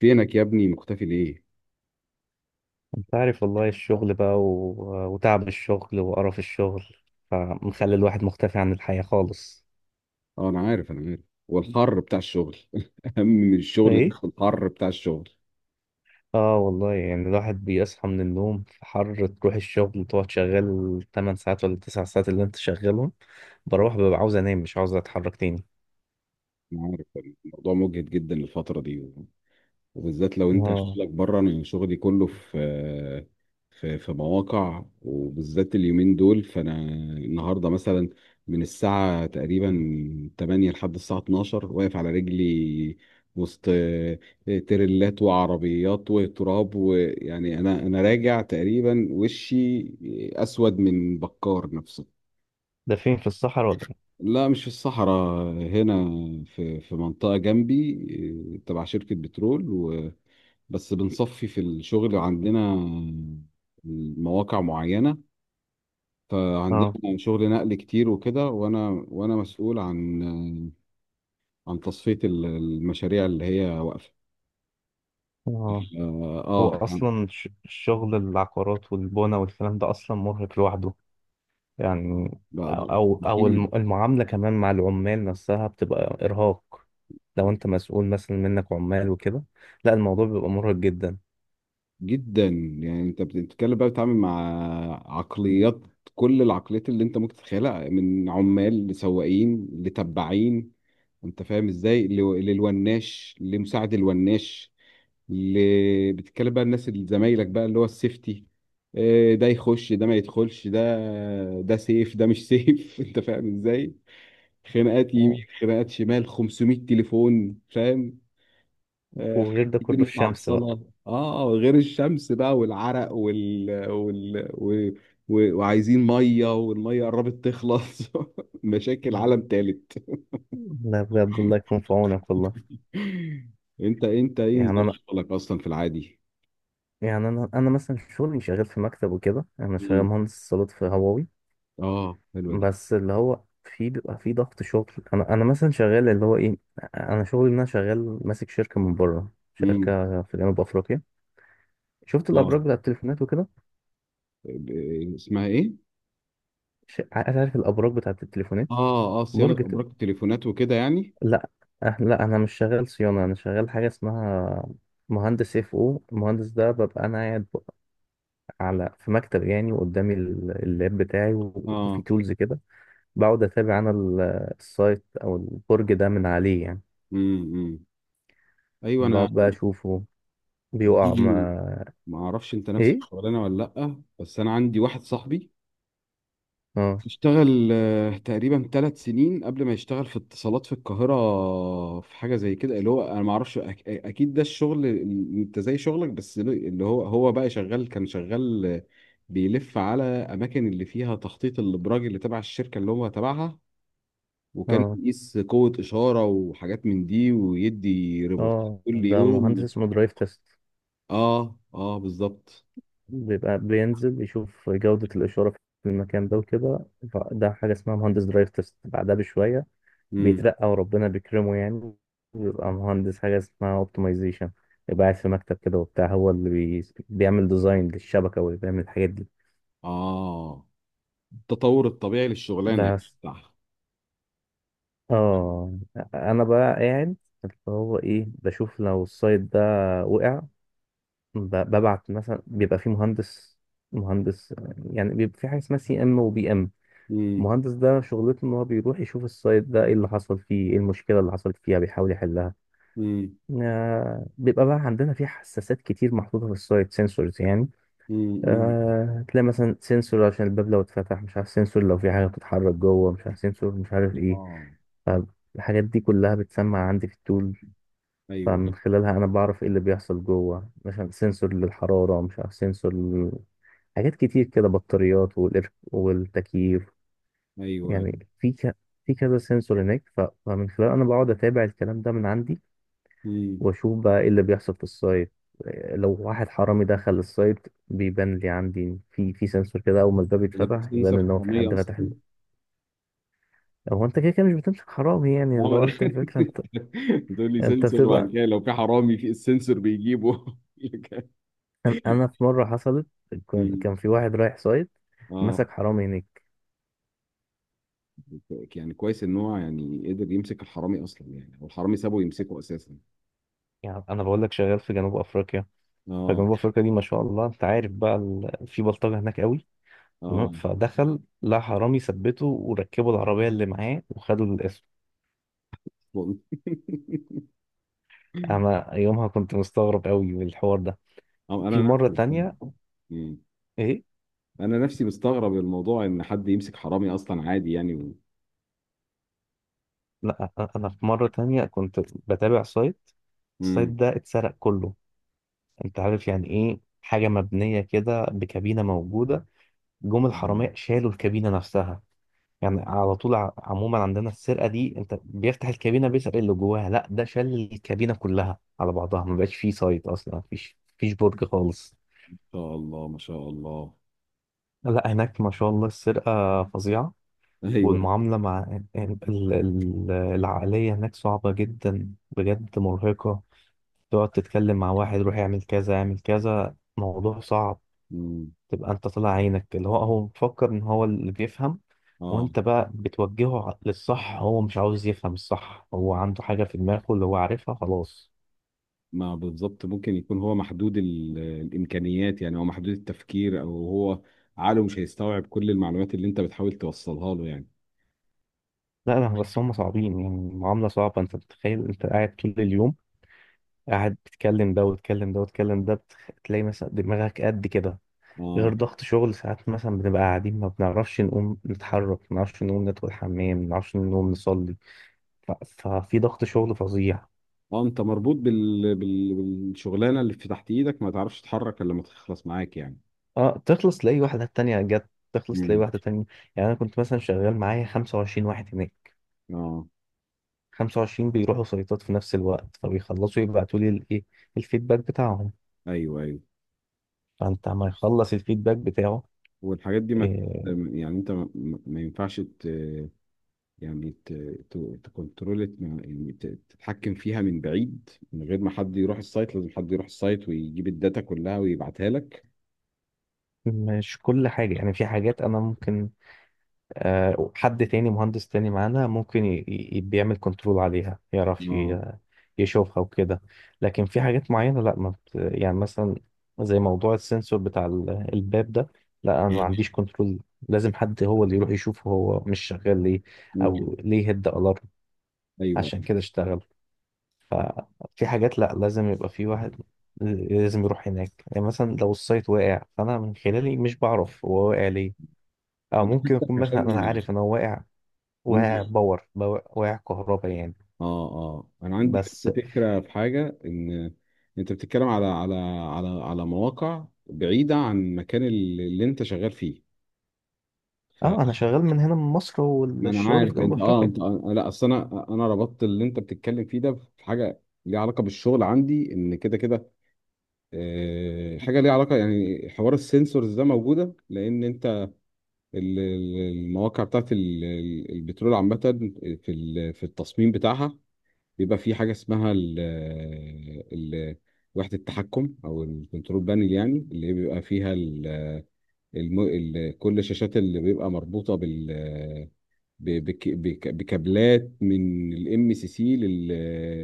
فينك يا ابني مختفي ليه؟ انت عارف والله الشغل بقى وتعب الشغل وقرف الشغل، فمخلي الواحد مختفي عن الحياة خالص. اه انا عارف انا عارف. والحر بتاع الشغل اهم من الشغل إن ايه. إحنا الحر بتاع الشغل. اه والله، يعني الواحد بيصحى من النوم في حر، تروح الشغل تقعد شغال 8 ساعات ولا 9 ساعات اللي انت شغالهم. بروح ببقى عاوز انام، مش عاوز اتحرك تاني. انا عارف، الموضوع مجهد جدا الفترة دي، وبالذات لو انت اه. شغلك بره. انا شغلي كله في في مواقع، وبالذات اليومين دول. فانا النهارده مثلا من الساعه تقريبا 8 لحد الساعه 12 واقف على رجلي، وسط تريلات وعربيات وتراب، ويعني انا راجع تقريبا وشي اسود من بكار نفسه. ده فين، في الصحراء ولا ايه؟ لا مش في الصحراء، هنا في منطقه جنبي، تبع شركه بترول. بس بنصفي في الشغل عندنا مواقع معينة، اه فعندنا شغل نقل كتير وكده. وأنا مسؤول عن عن تصفية المشاريع اللي هي واقفة. اه. هو يعني اصلا الشغل، العقارات والبنى والكلام ده اصلا مرهق لوحده يعني. بقدر. او كتير المعامله كمان مع العمال نفسها بتبقى ارهاق، لو انت مسؤول مثلا منك عمال وكده. لا الموضوع بيبقى مرهق جدا. جدا، يعني أنت بتتكلم بقى، بتتعامل مع عقليات، كل العقليات اللي أنت ممكن تتخيلها، من عمال لسواقين لتبعين، أنت فاهم إزاي، للوناش، لمساعد الوناش، اللي بتتكلم بقى الناس اللي زمايلك بقى اللي هو السيفتي. ده يخش، ده ما يدخلش، ده ده سيف، ده مش سيف انت فاهم ازاي. خناقات يمين، آه، خناقات شمال، 500 تليفون، فاهم. حاجات وغير ده كتير كله الشمس بقى. متعطلة، اه، غير الشمس بقى والعرق وعايزين مية، والمية قربت تخلص مشاكل مم. عالم تالت. لا بجد الله يكون في عونك والله. انت ايه يعني نظام انا شغلك اصلا في العادي؟ يعني انا مثلا شغلي شغال في مكتب وكده، انا شغال مم. مهندس اتصالات في هواوي. اه حلوة دي. بس اللي هو في بيبقى في ضغط شغل. انا مثلا شغال اللي هو ايه، انا شغلي ان انا شغال ماسك شركه من بره، مم. شركه في جنوب افريقيا. شفت اه، الابراج بتاعت التليفونات وكده؟ اسمها ايه؟ عارف الابراج بتاعت التليفونات؟ اه اه، صيانه برج ت... ابراج التليفونات وكده يعني. لا. لا انا مش شغال صيانه، انا شغال حاجه اسمها مهندس اف او. المهندس ده ببقى انا قاعد على في مكتب يعني، وقدامي اللاب بتاعي وفي اه، تولز كده. بقعد اتابع انا السايت او البرج ده من عليه يعني. امم امم. ايوه انا. بقعد بقى اشوفه أنا بيقع ما عندي، ما اعرفش انت نفس ايه. الشغلانه ولا لا، بس انا عندي واحد صاحبي اه اشتغل تقريبا 3 سنين قبل ما يشتغل في اتصالات في القاهره في حاجه زي كده. اللي هو انا ما اعرفش، اكيد ده الشغل اللي انت زي شغلك. بس اللي هو بقى شغال، كان شغال، بيلف على اماكن اللي فيها تخطيط الابراج اللي تبع الشركه اللي هو تبعها، وكان اه بيقيس قوة إشارة وحاجات من دي، ويدي ريبورت اه. كل ده مهندس يوم. اسمه درايف تيست، اه اه بالظبط. بيبقى بينزل يشوف جودة الإشارة في المكان ده وكده. ده حاجة اسمها مهندس درايف تيست. بعدها بشوية امم. بيترقى وربنا بيكرمه يعني، بيبقى مهندس حاجة اسمها اوبتمايزيشن. يبقى قاعد في مكتب كده وبتاع، هو اللي بيعمل ديزاين للشبكة، واللي بيعمل الحاجات دي. اه، التطور الطبيعي للشغلانة يعني، بس. صح. اه أنا بقى قاعد، اللي هو إيه، بشوف لو السايت ده وقع، ببعت مثلا، بيبقى في مهندس يعني، بيبقى في حاجة اسمها سي ام وبي ام. امم. المهندس ده شغلته ان هو بيروح يشوف السايت ده ايه اللي حصل فيه، ايه المشكله اللي حصلت فيها، بيحاول يحلها. امم بيبقى بقى عندنا في حساسات كتير محطوطه في السايت، سنسورز يعني. امم. تلاقي مثلا سنسور عشان الباب لو اتفتح مش عارف، سنسور لو في حاجه بتتحرك جوه مش عارف، سنسور مش عارف ايه. اه. فالحاجات دي كلها بتسمع عندي في التول. ايوه فمن خلالها انا بعرف ايه اللي بيحصل جوه، مثلا سنسور للحراره مش عارف، سنسور حاجات كتير كده، بطاريات والتكييف ايوه. يعني. في في كذا سنسور هناك. فمن خلال انا بقعد اتابع الكلام ده من عندي، امم. واشوف بقى ايه اللي بيحصل في السايت. لو واحد حرامي دخل السايت بيبان لي عندي في سنسور كده، اول ما الباب ده في يتفتح يبان سنسور ان هو في حرامية حد فتح اصلا؟ له. هو انت كده كده مش بتمسك حرامي اه يعني، اللي ما هو انا انت الفكره انت. تقول لي انت سنسور، وبعد بتبقى، كده لو في حرامي في السنسور بيجيبه انا في مره حصلت، كان أمم. كان في واحد رايح سايت اه، مسك حرامي هناك. يعني كويس ان هو يعني قدر يمسك الحرامي اصلا يعني، والحرامي سابه يمسكه اساسا. يعني انا بقول لك شغال في جنوب افريقيا، اه. فجنوب افريقيا دي ما شاء الله انت عارف بقى في بلطجه هناك قوي. تمام. اه فدخل لقى حرامي، ثبته وركبوا العربية اللي معاه وخدوا الاسم. والله. أنا يومها كنت مستغرب قوي من الحوار ده. اه انا في مرة نفسي. تانية. مم. إيه؟ انا نفسي مستغرب الموضوع ان حد يمسك حرامي اصلا عادي يعني، و... لا أنا في مرة تانية كنت بتابع سايت، السايت مم. ده اتسرق كله. أنت عارف يعني إيه حاجة مبنية كده بكابينة موجودة؟ جم مم. الحرامية شالوا الكابينة نفسها. يعني على طول، عموما عندنا السرقة دي، أنت بيفتح الكابينة بيسرق اللي جواها، لا ده شال الكابينة كلها على بعضها، ما بقاش فيه سايت أصلا، مفيش برج خالص. ما شاء الله ما شاء الله. لا هناك ما شاء الله السرقة فظيعة. ايوه. والمعاملة مع العقلية هناك صعبة جدا بجد، مرهقة. تقعد تتكلم مع واحد، روح اعمل كذا اعمل كذا، موضوع صعب. مم. تبقى انت طالع عينك، اللي هو مفكر ان هو اللي بيفهم، اه وانت بقى بتوجهه للصح، هو مش عاوز يفهم الصح، هو عنده حاجة في دماغه اللي هو عارفها خلاص. ما بالظبط، ممكن يكون هو محدود الامكانيات يعني، او محدود التفكير، او هو عقله مش هيستوعب كل المعلومات اللي انت بتحاول توصلها له يعني. لا لا، بس هم صعبين يعني، معاملة صعبة. انت بتخيل انت قاعد طول اليوم قاعد بتتكلم ده وتتكلم ده وتتكلم ده، تلاقي مثلا دماغك قد كده. اه غير ضغط شغل ساعات، مثلا بنبقى قاعدين ما بنعرفش نقوم نتحرك، ما بنعرفش نقوم ندخل الحمام، ما بنعرفش نقوم نصلي. ففي ضغط شغل فظيع. اه، انت مربوط بالشغلانه اللي في تحت ايدك، ما تعرفش تتحرك الا لما تخلص معاك يعني. اه، تخلص تلاقي واحدة تانية جت، تخلص تلاقي مم. واحدة تانية. يعني أنا كنت مثلا شغال معايا 25 واحد هناك، اه 25 بيروحوا سيطات في نفس الوقت، فبيخلصوا يبعتوا لي الايه، الفيدباك بتاعهم، ايوه ايوه. فأنت ما يخلص الفيدباك بتاعه. والحاجات دي ما إيه، يعني انت ما ينفعش يعني ت... تكنترول يعني، تتحكم فيها من بعيد، من غير ما حد يروح السايت؟ لازم حد يروح السايت ويجيب الداتا كلها ويبعتها لك. مش كل حاجة يعني، في حاجات أنا ممكن، حد تاني مهندس تاني معانا ممكن بيعمل كنترول عليها، يعرف اه. يشوفها وكده. لكن في حاجات معينة لا، ما يعني مثلا، زي موضوع السنسور بتاع الباب ده، لا انا ما عنديش كنترول، لازم حد هو اللي يروح يشوف هو مش شغال ليه، امم. او ليه هيد الارم، ايوه عشان كده اشتغل. ففي حاجات لا لازم يبقى في واحد، لازم يروح هناك. يعني مثلا لو السايت واقع فانا من خلالي مش بعرف هو واقع ليه، او انا ممكن حاسسك اكون عشان مثلا انا عارف ان هو واقع، واقع عندي. باور، واقع كهرباء يعني. اه اه، انا عندي نفس بس. الفكره في حاجه. ان انت بتتكلم على مواقع بعيده عن المكان اللي انت شغال فيه. اه انا شغال من هنا من مصر ما انا والشغل في عارف جنوب انت، اه افريقيا. انت آه، لا اصل انا ربطت اللي انت بتتكلم فيه ده في حاجه ليها علاقه بالشغل عندي، ان كده كده حاجه ليها علاقه. يعني حوار السنسورز ده موجوده لان انت ال- ال- المواقع بتاعت البترول عامه، في في التصميم بتاعها بيبقى في حاجه اسمها ال وحده التحكم او الكنترول بانل، يعني اللي بيبقى فيها كل الشاشات، اللي بيبقى مربوطه بال ب- بك- بك- بكابلات من الام سي سي،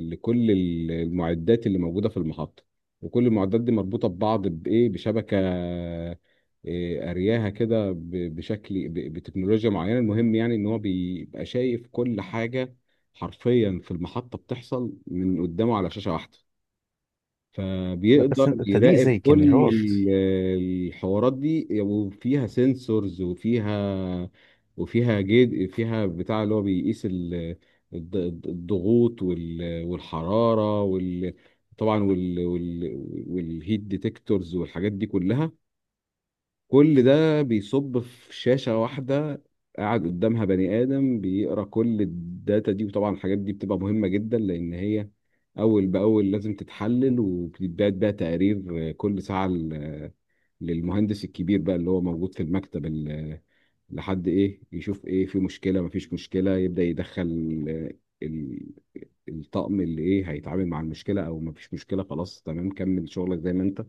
لكل المعدات اللي موجوده في المحطه. وكل المعدات دي مربوطه ببعض بايه، بشبكه. إيه، ارياها كده بشكل بتكنولوجيا معينه. المهم يعني ان هو بيبقى شايف كل حاجه حرفيا في المحطه بتحصل من قدامه على شاشه واحده، لا بس فبيقدر انت دي يراقب زي كل كاميرات. ال- الحوارات دي. وفيها سنسورز، وفيها جد، فيها بتاع اللي هو بيقيس الضغوط والحرارة، طبعا وال... وال... والهيت ديتكتورز والحاجات دي كلها. كل ده بيصب في شاشة واحدة، قاعد قدامها بني آدم بيقرا كل الداتا دي. وطبعا الحاجات دي بتبقى مهمة جدا لأن هي أول بأول لازم تتحلل، وبيتبعت بقى تقارير كل ساعة للمهندس الكبير بقى اللي هو موجود في المكتب، لحد إيه، يشوف إيه، في مشكلة مفيش مشكلة، يبدأ يدخل ال- الطقم اللي إيه هيتعامل مع المشكلة، أو مفيش مشكلة، خلاص تمام كمل شغلك زي ما أنت.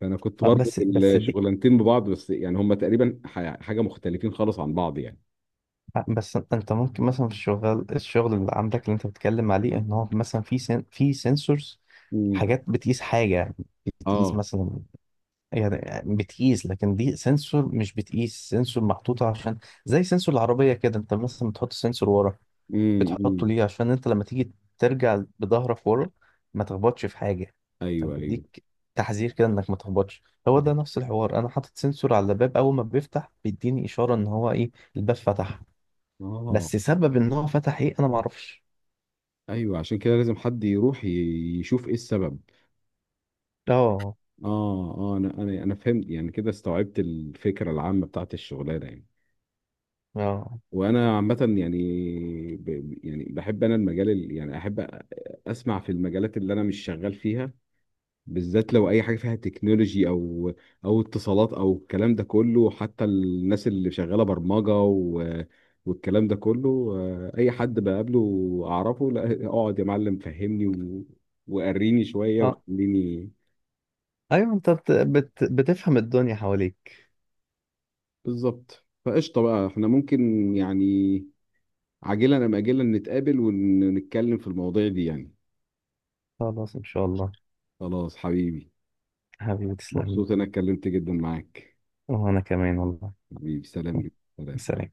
فانا كنت بربط بس دي، الشغلانتين ببعض، بس يعني هم تقريبا حاجه مختلفين خالص عن بعض يعني. بس انت ممكن مثلا في الشغل اللي عندك اللي انت بتتكلم عليه، ان هو مثلا في في سنسورز، امم. حاجات بتقيس حاجة، بتقيس اه. مثلا، يعني بتقيس، لكن دي سنسور مش بتقيس، سنسور محطوطة عشان زي سنسور العربية كده، انت مثلا بتحط سنسور ورا، امم. بتحطه أمم. ليه؟ عشان انت لما تيجي ترجع بظهرك ورا ما تخبطش في حاجه، ايوه ايوه. فبديك تحذير كده انك ما تخبطش. هو ده أيوة. نفس الحوار، انا حاطط سنسور على الباب اول ما بيفتح بيديني اشاره ان هو ايه، الباب فتح. اه. بس سبب ان هو فتح ايه انا ما اعرفش. ايوه، عشان كده لازم حد يروح يشوف ايه السبب. اه اه اه، انا فهمت يعني، كده استوعبت الفكره العامه بتاعت الشغلانه يعني. اه وانا عامه يعني، ب... يعني بحب انا المجال يعني احب اسمع في المجالات اللي انا مش شغال فيها، بالذات لو اي حاجه فيها تكنولوجي او او اتصالات او الكلام ده كله، حتى الناس اللي شغاله برمجه و... والكلام ده كله. اي حد بقابله اعرفه، لا اقعد يا معلم فهمني و... وقريني شويه اه. وخليني. ايوه انت بتفهم الدنيا حواليك. بالظبط. فقشطه بقى، احنا ممكن يعني عاجلا ام اجلا نتقابل ونتكلم في المواضيع دي يعني. خلاص ان شاء الله. خلاص حبيبي. حبيبي تسلمي. مبسوط انا اتكلمت جدا معاك. وانا كمان والله. حبيبي سلام، جدا سلام. سلام.